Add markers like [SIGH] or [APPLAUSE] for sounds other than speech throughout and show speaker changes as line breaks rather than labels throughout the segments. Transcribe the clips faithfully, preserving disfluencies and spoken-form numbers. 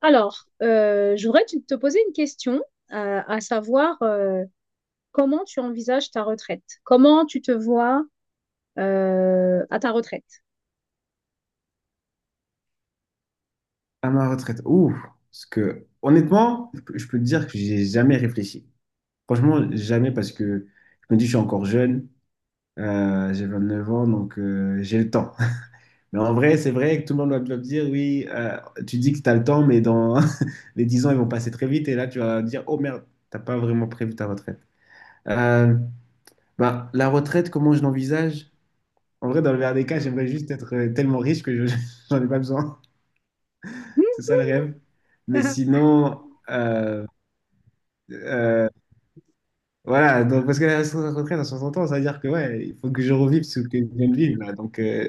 Alors, euh, je voudrais te te poser une question, euh, à savoir euh, comment tu envisages ta retraite? Comment tu te vois euh, à ta retraite?
À ma retraite. Ouf. Parce que, honnêtement, je peux te dire que j'ai jamais réfléchi. Franchement, jamais parce que je me dis, je suis encore jeune. Euh, j'ai neuf ans, donc euh, j'ai le temps. [LAUGHS] Mais en vrai, c'est vrai que tout le monde va va me dire, oui, euh, tu dis que tu as le temps, mais dans [LAUGHS] les dix ans, ils vont passer très vite. Et là, tu vas dire, oh merde, t'as pas vraiment prévu ta retraite. Euh, bah, la retraite, comment je l'envisage? En vrai, dans le meilleur des cas, j'aimerais juste être euh, tellement riche que je, [LAUGHS] j'en ai pas besoin. C'est ça le rêve. Mais sinon, euh, Euh, voilà, donc parce que la retraite dans soixante ans, ça veut dire que ouais, il faut que je revive ce que je viens de vivre là. Donc, euh,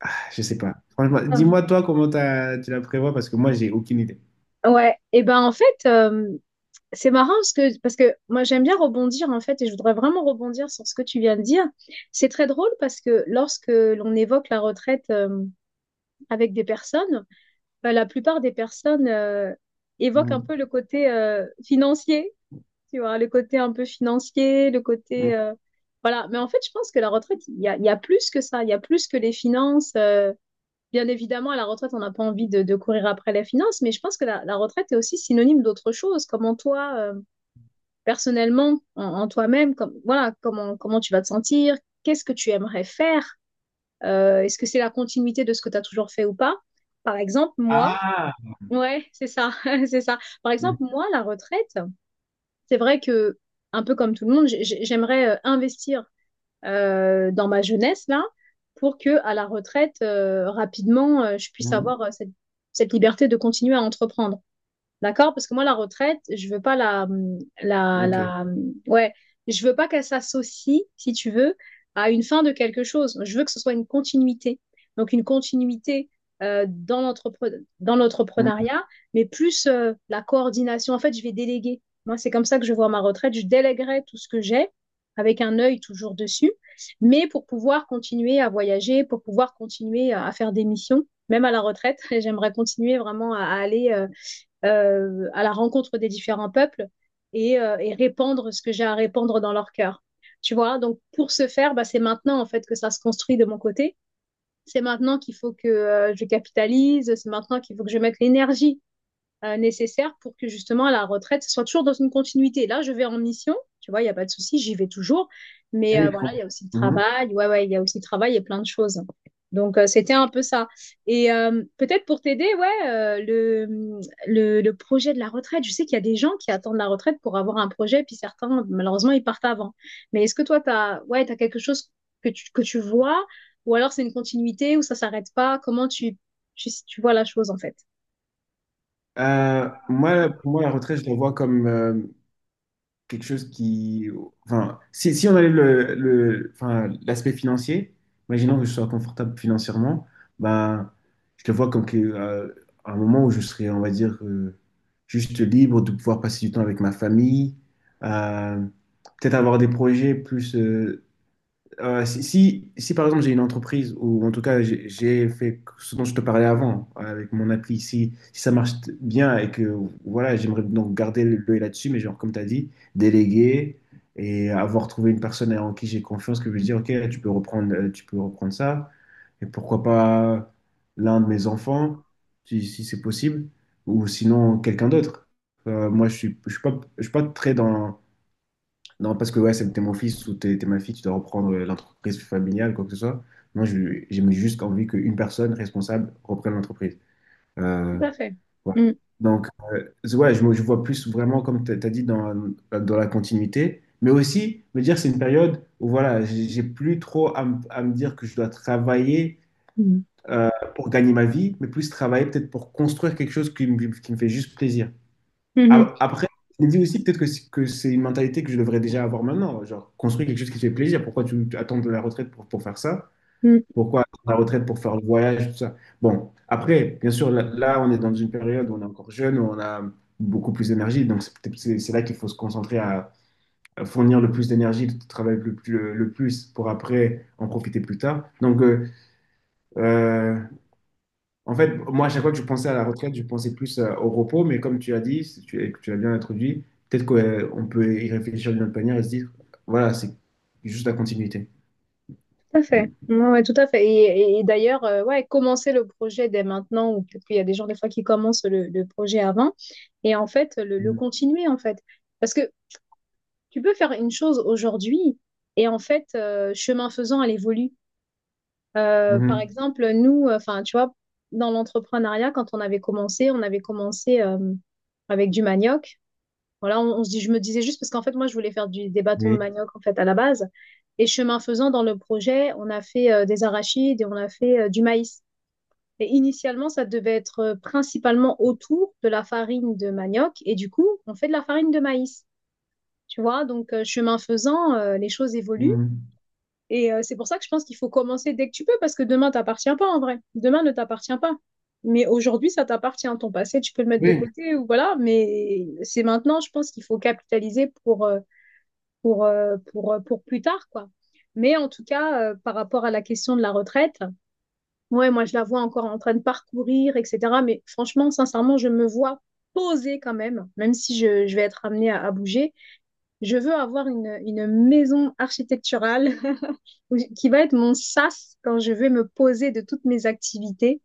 ah, je sais pas. Franchement, dis-moi
[LAUGHS]
toi comment t'as- tu la prévois parce que moi, j'ai aucune idée.
Ouais, et ben en fait, euh, c'est marrant parce que, parce que moi j'aime bien rebondir en fait, et je voudrais vraiment rebondir sur ce que tu viens de dire. C'est très drôle parce que lorsque l'on évoque la retraite euh, avec des personnes, ben, la plupart des personnes euh, évoquent un
Mhm.
peu le côté euh, financier. Tu vois, le côté un peu financier, le
Mhm.
côté... euh, Voilà, mais en fait, je pense que la retraite, il y a, il y a plus que ça, il y a plus que les finances. euh, Bien évidemment, à la retraite, on n'a pas envie de, de courir après les finances, mais je pense que la, la retraite est aussi synonyme d'autre chose. Comment toi, euh, personnellement, en, en toi-même, comme, voilà, comment, comment tu vas te sentir, qu'est-ce que tu aimerais faire, euh, est-ce que c'est la continuité de ce que tu as toujours fait ou pas? Par exemple, moi,
Ah!
ouais, c'est ça, [LAUGHS] c'est ça. Par exemple,
Mhm.
moi, la retraite... C'est vrai que, un peu comme tout le monde, j'aimerais euh, investir euh, dans ma jeunesse là pour que, à la retraite, euh, rapidement, euh, je puisse
Mhm.
avoir euh, cette, cette liberté de continuer à entreprendre. D'accord? Parce que moi, la retraite, je veux pas la, la,
Ok.
la, ouais, je veux pas qu'elle s'associe, si tu veux, à une fin de quelque chose. Je veux que ce soit une continuité. Donc, une continuité euh, dans l'entrepre- dans
Mhm.
l'entrepreneuriat, mais plus euh, la coordination. En fait, je vais déléguer. Moi, c'est comme ça que je vois ma retraite. Je déléguerai tout ce que j'ai avec un œil toujours dessus, mais pour pouvoir continuer à voyager, pour pouvoir continuer à à faire des missions, même à la retraite, [LAUGHS] j'aimerais continuer vraiment à à aller. euh, euh, à la rencontre des différents peuples et, euh, et répandre ce que j'ai à répandre dans leur cœur. Tu vois, donc pour ce faire, bah, c'est maintenant en fait que ça se construit de mon côté. C'est maintenant qu'il faut que euh, je capitalise, c'est maintenant qu'il faut que je mette l'énergie euh, nécessaires pour que justement à la retraite, ce soit toujours dans une continuité. Là, je vais en mission, tu vois, il n'y a pas de souci, j'y vais toujours. Mais euh,
Oui, je
voilà, il y
comprends.
a aussi le
Mhm.
travail, ouais, ouais, il y a aussi le travail et plein de choses. Donc, euh, c'était un peu ça. Et euh, peut-être pour t'aider, ouais, euh, le, le, le projet de la retraite, je sais qu'il y a des gens qui attendent la retraite pour avoir un projet, puis certains, malheureusement, ils partent avant. Mais est-ce que toi, tu as, ouais, t'as quelque chose que tu, que tu vois, ou alors c'est une continuité, ou ça s'arrête pas? Comment tu, tu, tu vois la chose, en fait?
Euh, moi,
Tout
pour moi, la retraite, je la vois comme, euh, quelque chose qui... Enfin, si, si on enlève le, le- enfin, l'aspect financier, imaginons que je sois confortable financièrement, bah, je le vois comme que, euh, un moment où je serai, on va dire, euh, juste libre de pouvoir passer du temps avec ma famille, euh, peut-être avoir des projets plus, euh, euh, si, si, si, par exemple j'ai une entreprise ou en tout cas j'ai j'ai fait ce dont je te parlais avant euh, avec mon appli, si, si ça marche t- bien et que voilà, j'aimerais donc garder l'œil là-dessus, mais genre comme tu as dit, déléguer et avoir trouvé une personne en qui j'ai confiance que je lui dis ok, tu peux reprendre, euh, tu peux reprendre ça et pourquoi pas l'un de mes enfants si, si c'est possible ou sinon quelqu'un d'autre. Euh, moi je suis, je suis pas, je suis pas très dans non, parce que ouais, c'est- t'es mon fils ou t'es t'es ma fille, tu dois reprendre euh, l'entreprise familiale, quoi que ce soit. Moi, je- j'ai juste envie qu'une personne responsable reprenne l'entreprise. Euh,
à fait.
voilà.
Mm,
Donc, euh, c'est- ouais, je, me- je vois plus vraiment, comme tu as dit, dans, dans la continuité, mais aussi me dire c'est une période où voilà, j'ai j'ai plus trop à, me à me dire que je dois travailler
mm,
euh, pour gagner ma vie, mais plus travailler peut-être pour construire quelque chose qui me, qui me fait juste plaisir.
mhm,
A- Après, je me dis aussi peut-être que, c- que c'est une mentalité que je devrais déjà avoir maintenant. Genre, construire quelque chose qui te fait plaisir. Pourquoi tu, attends de la retraite pour, pour faire ça?
mm,
Pourquoi attendre la retraite pour faire le voyage, tout ça? Bon, après, bien sûr, là, là, on est dans une période où on est encore jeune, où on a beaucoup plus d'énergie. Donc, c'est peut-être- c'est c'est là qu'il faut se concentrer à, à fournir le plus d'énergie, de travailler le, plus- le, plus pour après en profiter plus tard. Donc, euh, euh, en fait, moi, à chaque fois que je pensais à la retraite, je pensais plus euh, au repos, mais comme tu as dit, si tu, et que tu l'as bien introduit, peut-être qu'on peut y réfléchir d'une autre manière et se dire, voilà, c'est juste la continuité.
tout à fait. Ouais, ouais, tout à fait. Et, et- et d'ailleurs, euh, ouais, commencer le projet dès maintenant, ou peut-être qu'il y a des gens des fois qui commencent le, le projet avant, et en fait, le, le
Mm.
continuer, en fait. Parce que tu peux faire une chose aujourd'hui et en fait, euh, chemin faisant, elle évolue. Euh, par
Mhm.
exemple, nous, euh, enfin, tu vois, dans l'entrepreneuriat, quand on avait commencé, on avait commencé euh, avec du manioc. Voilà, on, on se dit, je me disais juste parce qu'en fait, moi, je voulais faire du, des bâtons de
Oui.
manioc en fait à la base. Et chemin faisant, dans le projet, on a fait euh, des arachides et on a fait euh, du maïs. Et initialement, ça devait être euh, principalement autour de la farine de manioc. Et du coup, on fait de la farine de maïs. Tu vois, donc euh, chemin faisant, euh, les choses évoluent.
Mhm.
Et euh, c'est pour ça que je pense qu'il faut commencer dès que tu peux, parce que demain t'appartient pas en vrai. Demain ne t'appartient pas. Mais aujourd'hui, ça t'appartient. Ton passé, tu peux le mettre de
Oui.
côté ou voilà. Mais c'est maintenant, je pense qu'il faut capitaliser pour, euh, pour, euh, pour, euh, pour plus tard, quoi. Mais en tout cas, euh, par rapport à la question de la retraite, ouais, moi je la vois encore en train de parcourir, et cætera. Mais franchement, sincèrement, je me vois poser quand même, même si je, je vais être amenée à à bouger. Je veux avoir une, une maison architecturale [LAUGHS] qui va être mon sas quand je vais me poser de toutes mes activités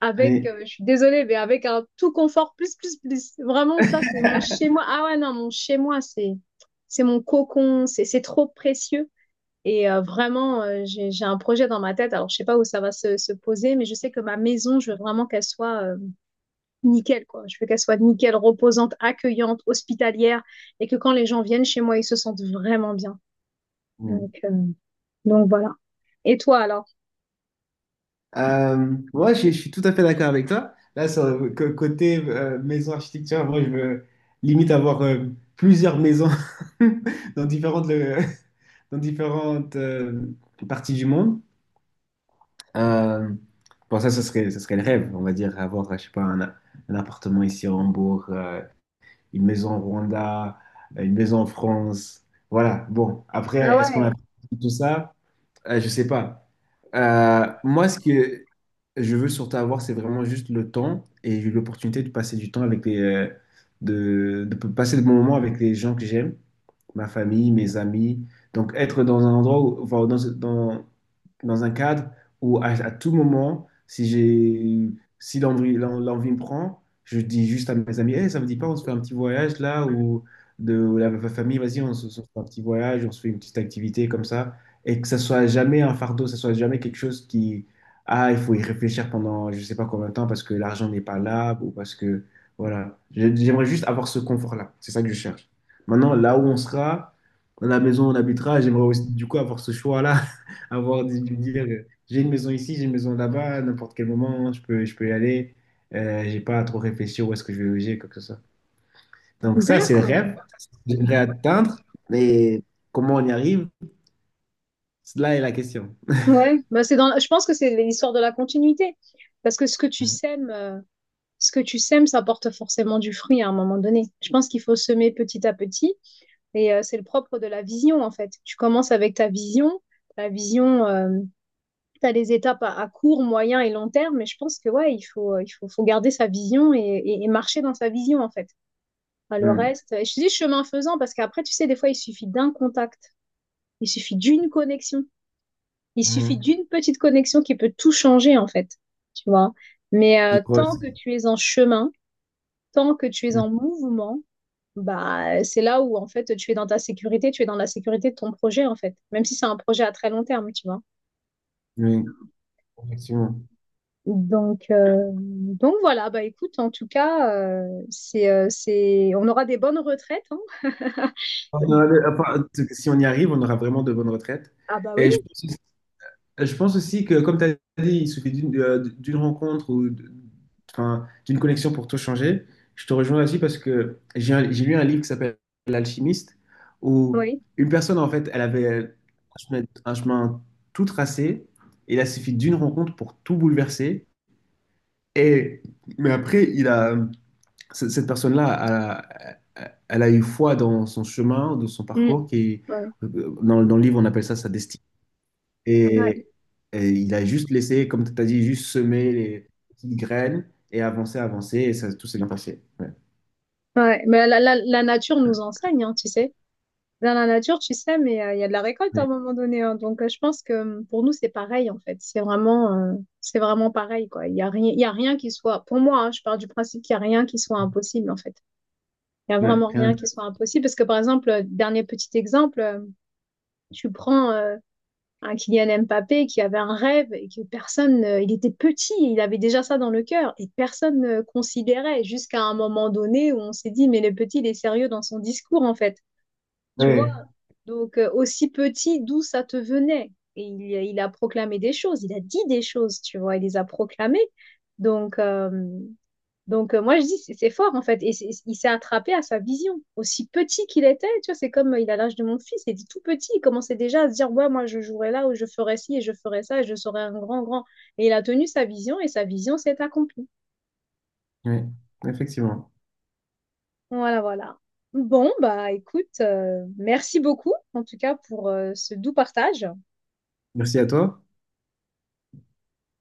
avec,
Oui.
euh, je suis désolée, mais avec un tout confort plus, plus, plus. Vraiment, ça, c'est mon chez-moi. Ah ouais, non, mon chez-moi, c'est, c'est mon cocon, c'est, c'est trop précieux. Et euh, vraiment, euh, j'ai, j'ai un projet dans ma tête. Alors, je ne sais pas où ça va se, se poser, mais je sais que ma maison, je veux vraiment qu'elle soit euh, nickel, quoi. Je veux qu'elle soit nickel, reposante, accueillante, hospitalière, et que quand les gens viennent chez moi, ils se sentent vraiment bien.
Mm.
Donc, euh, donc voilà. Et toi alors?
Euh, moi, je, je suis tout à fait d'accord avec toi. Là, sur le co- côté euh, maison architecture, moi, je veux limite avoir euh, plusieurs maisons [LAUGHS] dans différentes, le- [LAUGHS] dans différentes euh, parties du monde. Euh, bon, ça, ce serait, ce serait le rêve, on va dire, avoir, je sais pas, un, un appartement ici à Hambourg, euh, une maison au Rwanda, une maison en France. Voilà, bon,
Ah
après, est-ce qu'on a
ouais,
tout ça? Euh, je sais pas. Euh, moi, ce que je veux surtout avoir, c'est vraiment juste le temps et j'ai eu l'opportunité de passer du temps avec les, euh, de, de passer de bons moments avec les gens que j'aime, ma famille, mes amis. Donc, être dans un endroit, où- enfin, dans, dans, dans un cadre où à, à tout moment, si j'ai, si l'envie, l'en- l'envie me prend, je dis juste à mes amis, Hey, ça vous dit pas, on se fait un petit voyage là ou de ou la famille, vas-y, on se on se fait un petit voyage, on se fait une petite activité comme ça et que ça soit jamais un fardeau, ça soit jamais quelque chose qui, ah, il faut y réfléchir pendant je sais pas combien de temps parce que l'argent n'est pas là ou parce que, voilà. Je- J'aimerais juste avoir ce confort-là. C'est ça que je cherche. Maintenant, là où on sera, dans la maison où on habitera, j'aimerais aussi, du coup, avoir ce choix-là, [LAUGHS] avoir de de dire, euh, j'ai une maison ici, j'ai une maison là-bas, à n'importe quel moment, je peux, je peux y aller. Euh, j'ai pas à trop réfléchir où est-ce que je vais loger, quoi que ce soit. Donc ça, c'est le
d'accord.
rêve. Ça, c'est ce que j'aimerais atteindre, mais comment on y arrive? Cela est la question.
Ouais, bah, c'est dans, je pense que c'est l'histoire de la continuité. Parce que ce que tu sèmes, euh, ce que tu sèmes, ça porte forcément du fruit à un moment donné. Je pense qu'il faut semer petit à petit. Et euh, c'est le propre de la vision, en fait. Tu commences avec ta vision. La vision, tu as les étapes à, à court, moyen et long terme. Mais je pense que, ouais, il faut, euh, il faut, faut garder sa vision et, et- et marcher dans sa vision, en fait. Enfin, le
Mhm.
reste, je te dis chemin faisant, parce qu'après, tu sais, des fois, il suffit d'un contact. Il suffit d'une connexion. Il suffit
Mhm.
d'une petite connexion qui peut tout changer, en fait. Tu vois? Mais
Je
euh,
crois
tant que
aussi.
tu es en chemin, tant que tu es
Mhm.
en mouvement, bah, c'est là où, en fait, tu es dans ta sécurité, tu es dans la sécurité de ton projet, en fait. Même si c'est un projet à très long terme, tu vois?
Oui, effectivement.
Donc, euh, donc voilà, bah écoute, en tout cas, euh, c'est, euh, c'est, on aura des bonnes retraites, hein.
On voilà. aura- le- enfin, si on y arrive, on aura vraiment de bonnes retraites.
Ah bah oui,
Et je pense, je pense aussi que, comme tu as dit, il suffit d'une euh, d'une rencontre ou d- enfin, d'une connexion pour tout changer. Je te rejoins là-dessus parce que j'ai un- j'ai lu un livre qui s'appelle L'Alchimiste, où
oui.
une personne, en fait, elle avait un chemin, un chemin tout tracé, et il a suffi d'une rencontre pour tout bouleverser. Et, mais après, il a... cette cette personne-là, elle a, elle a eu foi dans son chemin, dans son
Mm.
parcours, qui,
Ouais.
euh, dans, dans le livre, on appelle ça sa destinée.
Ouais.
Et, et il a juste laissé, comme tu as dit, juste semer les petites graines et avancer, avancer, et ça, tout s'est bien passé. Ouais.
Ouais. Mais la, la, la nature nous enseigne, hein, tu sais. Dans la nature, tu sais, mais euh, il y a de la récolte à un
Ouais.
moment donné, hein. Donc, euh, je pense que euh, pour nous, c'est pareil, en fait. C'est vraiment, euh, c'est vraiment pareil, quoi. Il y a rien, il y a rien qui soit, pour moi, hein, je pars du principe qu'il y a rien qui soit impossible, en fait. Il y a
Ouais.
vraiment
Rien
rien
d'autre.
qui soit impossible. Parce que, par exemple, euh, dernier petit exemple, euh, tu prends euh, un Kylian Mbappé qui avait un rêve et que personne, euh, il était petit, il avait déjà ça dans le cœur et personne ne considérait jusqu'à un moment donné où on s'est dit, mais le petit, il est sérieux dans son discours, en fait. Tu vois?
Ouais.
Donc, euh, aussi petit, d'où ça te venait? Et il, il a proclamé des choses, il a dit des choses, tu vois, il les a proclamées. Donc, euh, donc euh, moi, je dis, c'est c'est fort, en fait. Et c'est- il s'est attrapé à sa vision. Aussi petit qu'il était, tu vois, c'est comme euh, il a l'âge de mon fils, il était tout petit, il commençait déjà à se dire, ouais, moi, je jouerai là, ou je ferai ci, et je ferai ça, et je serai un grand, grand. Et il a tenu sa vision, et sa vision s'est accomplie.
Ouais. Effectivement.
Voilà, voilà. Bon, bah écoute, euh, merci beaucoup, en tout cas, pour euh, ce doux partage.
Merci à toi.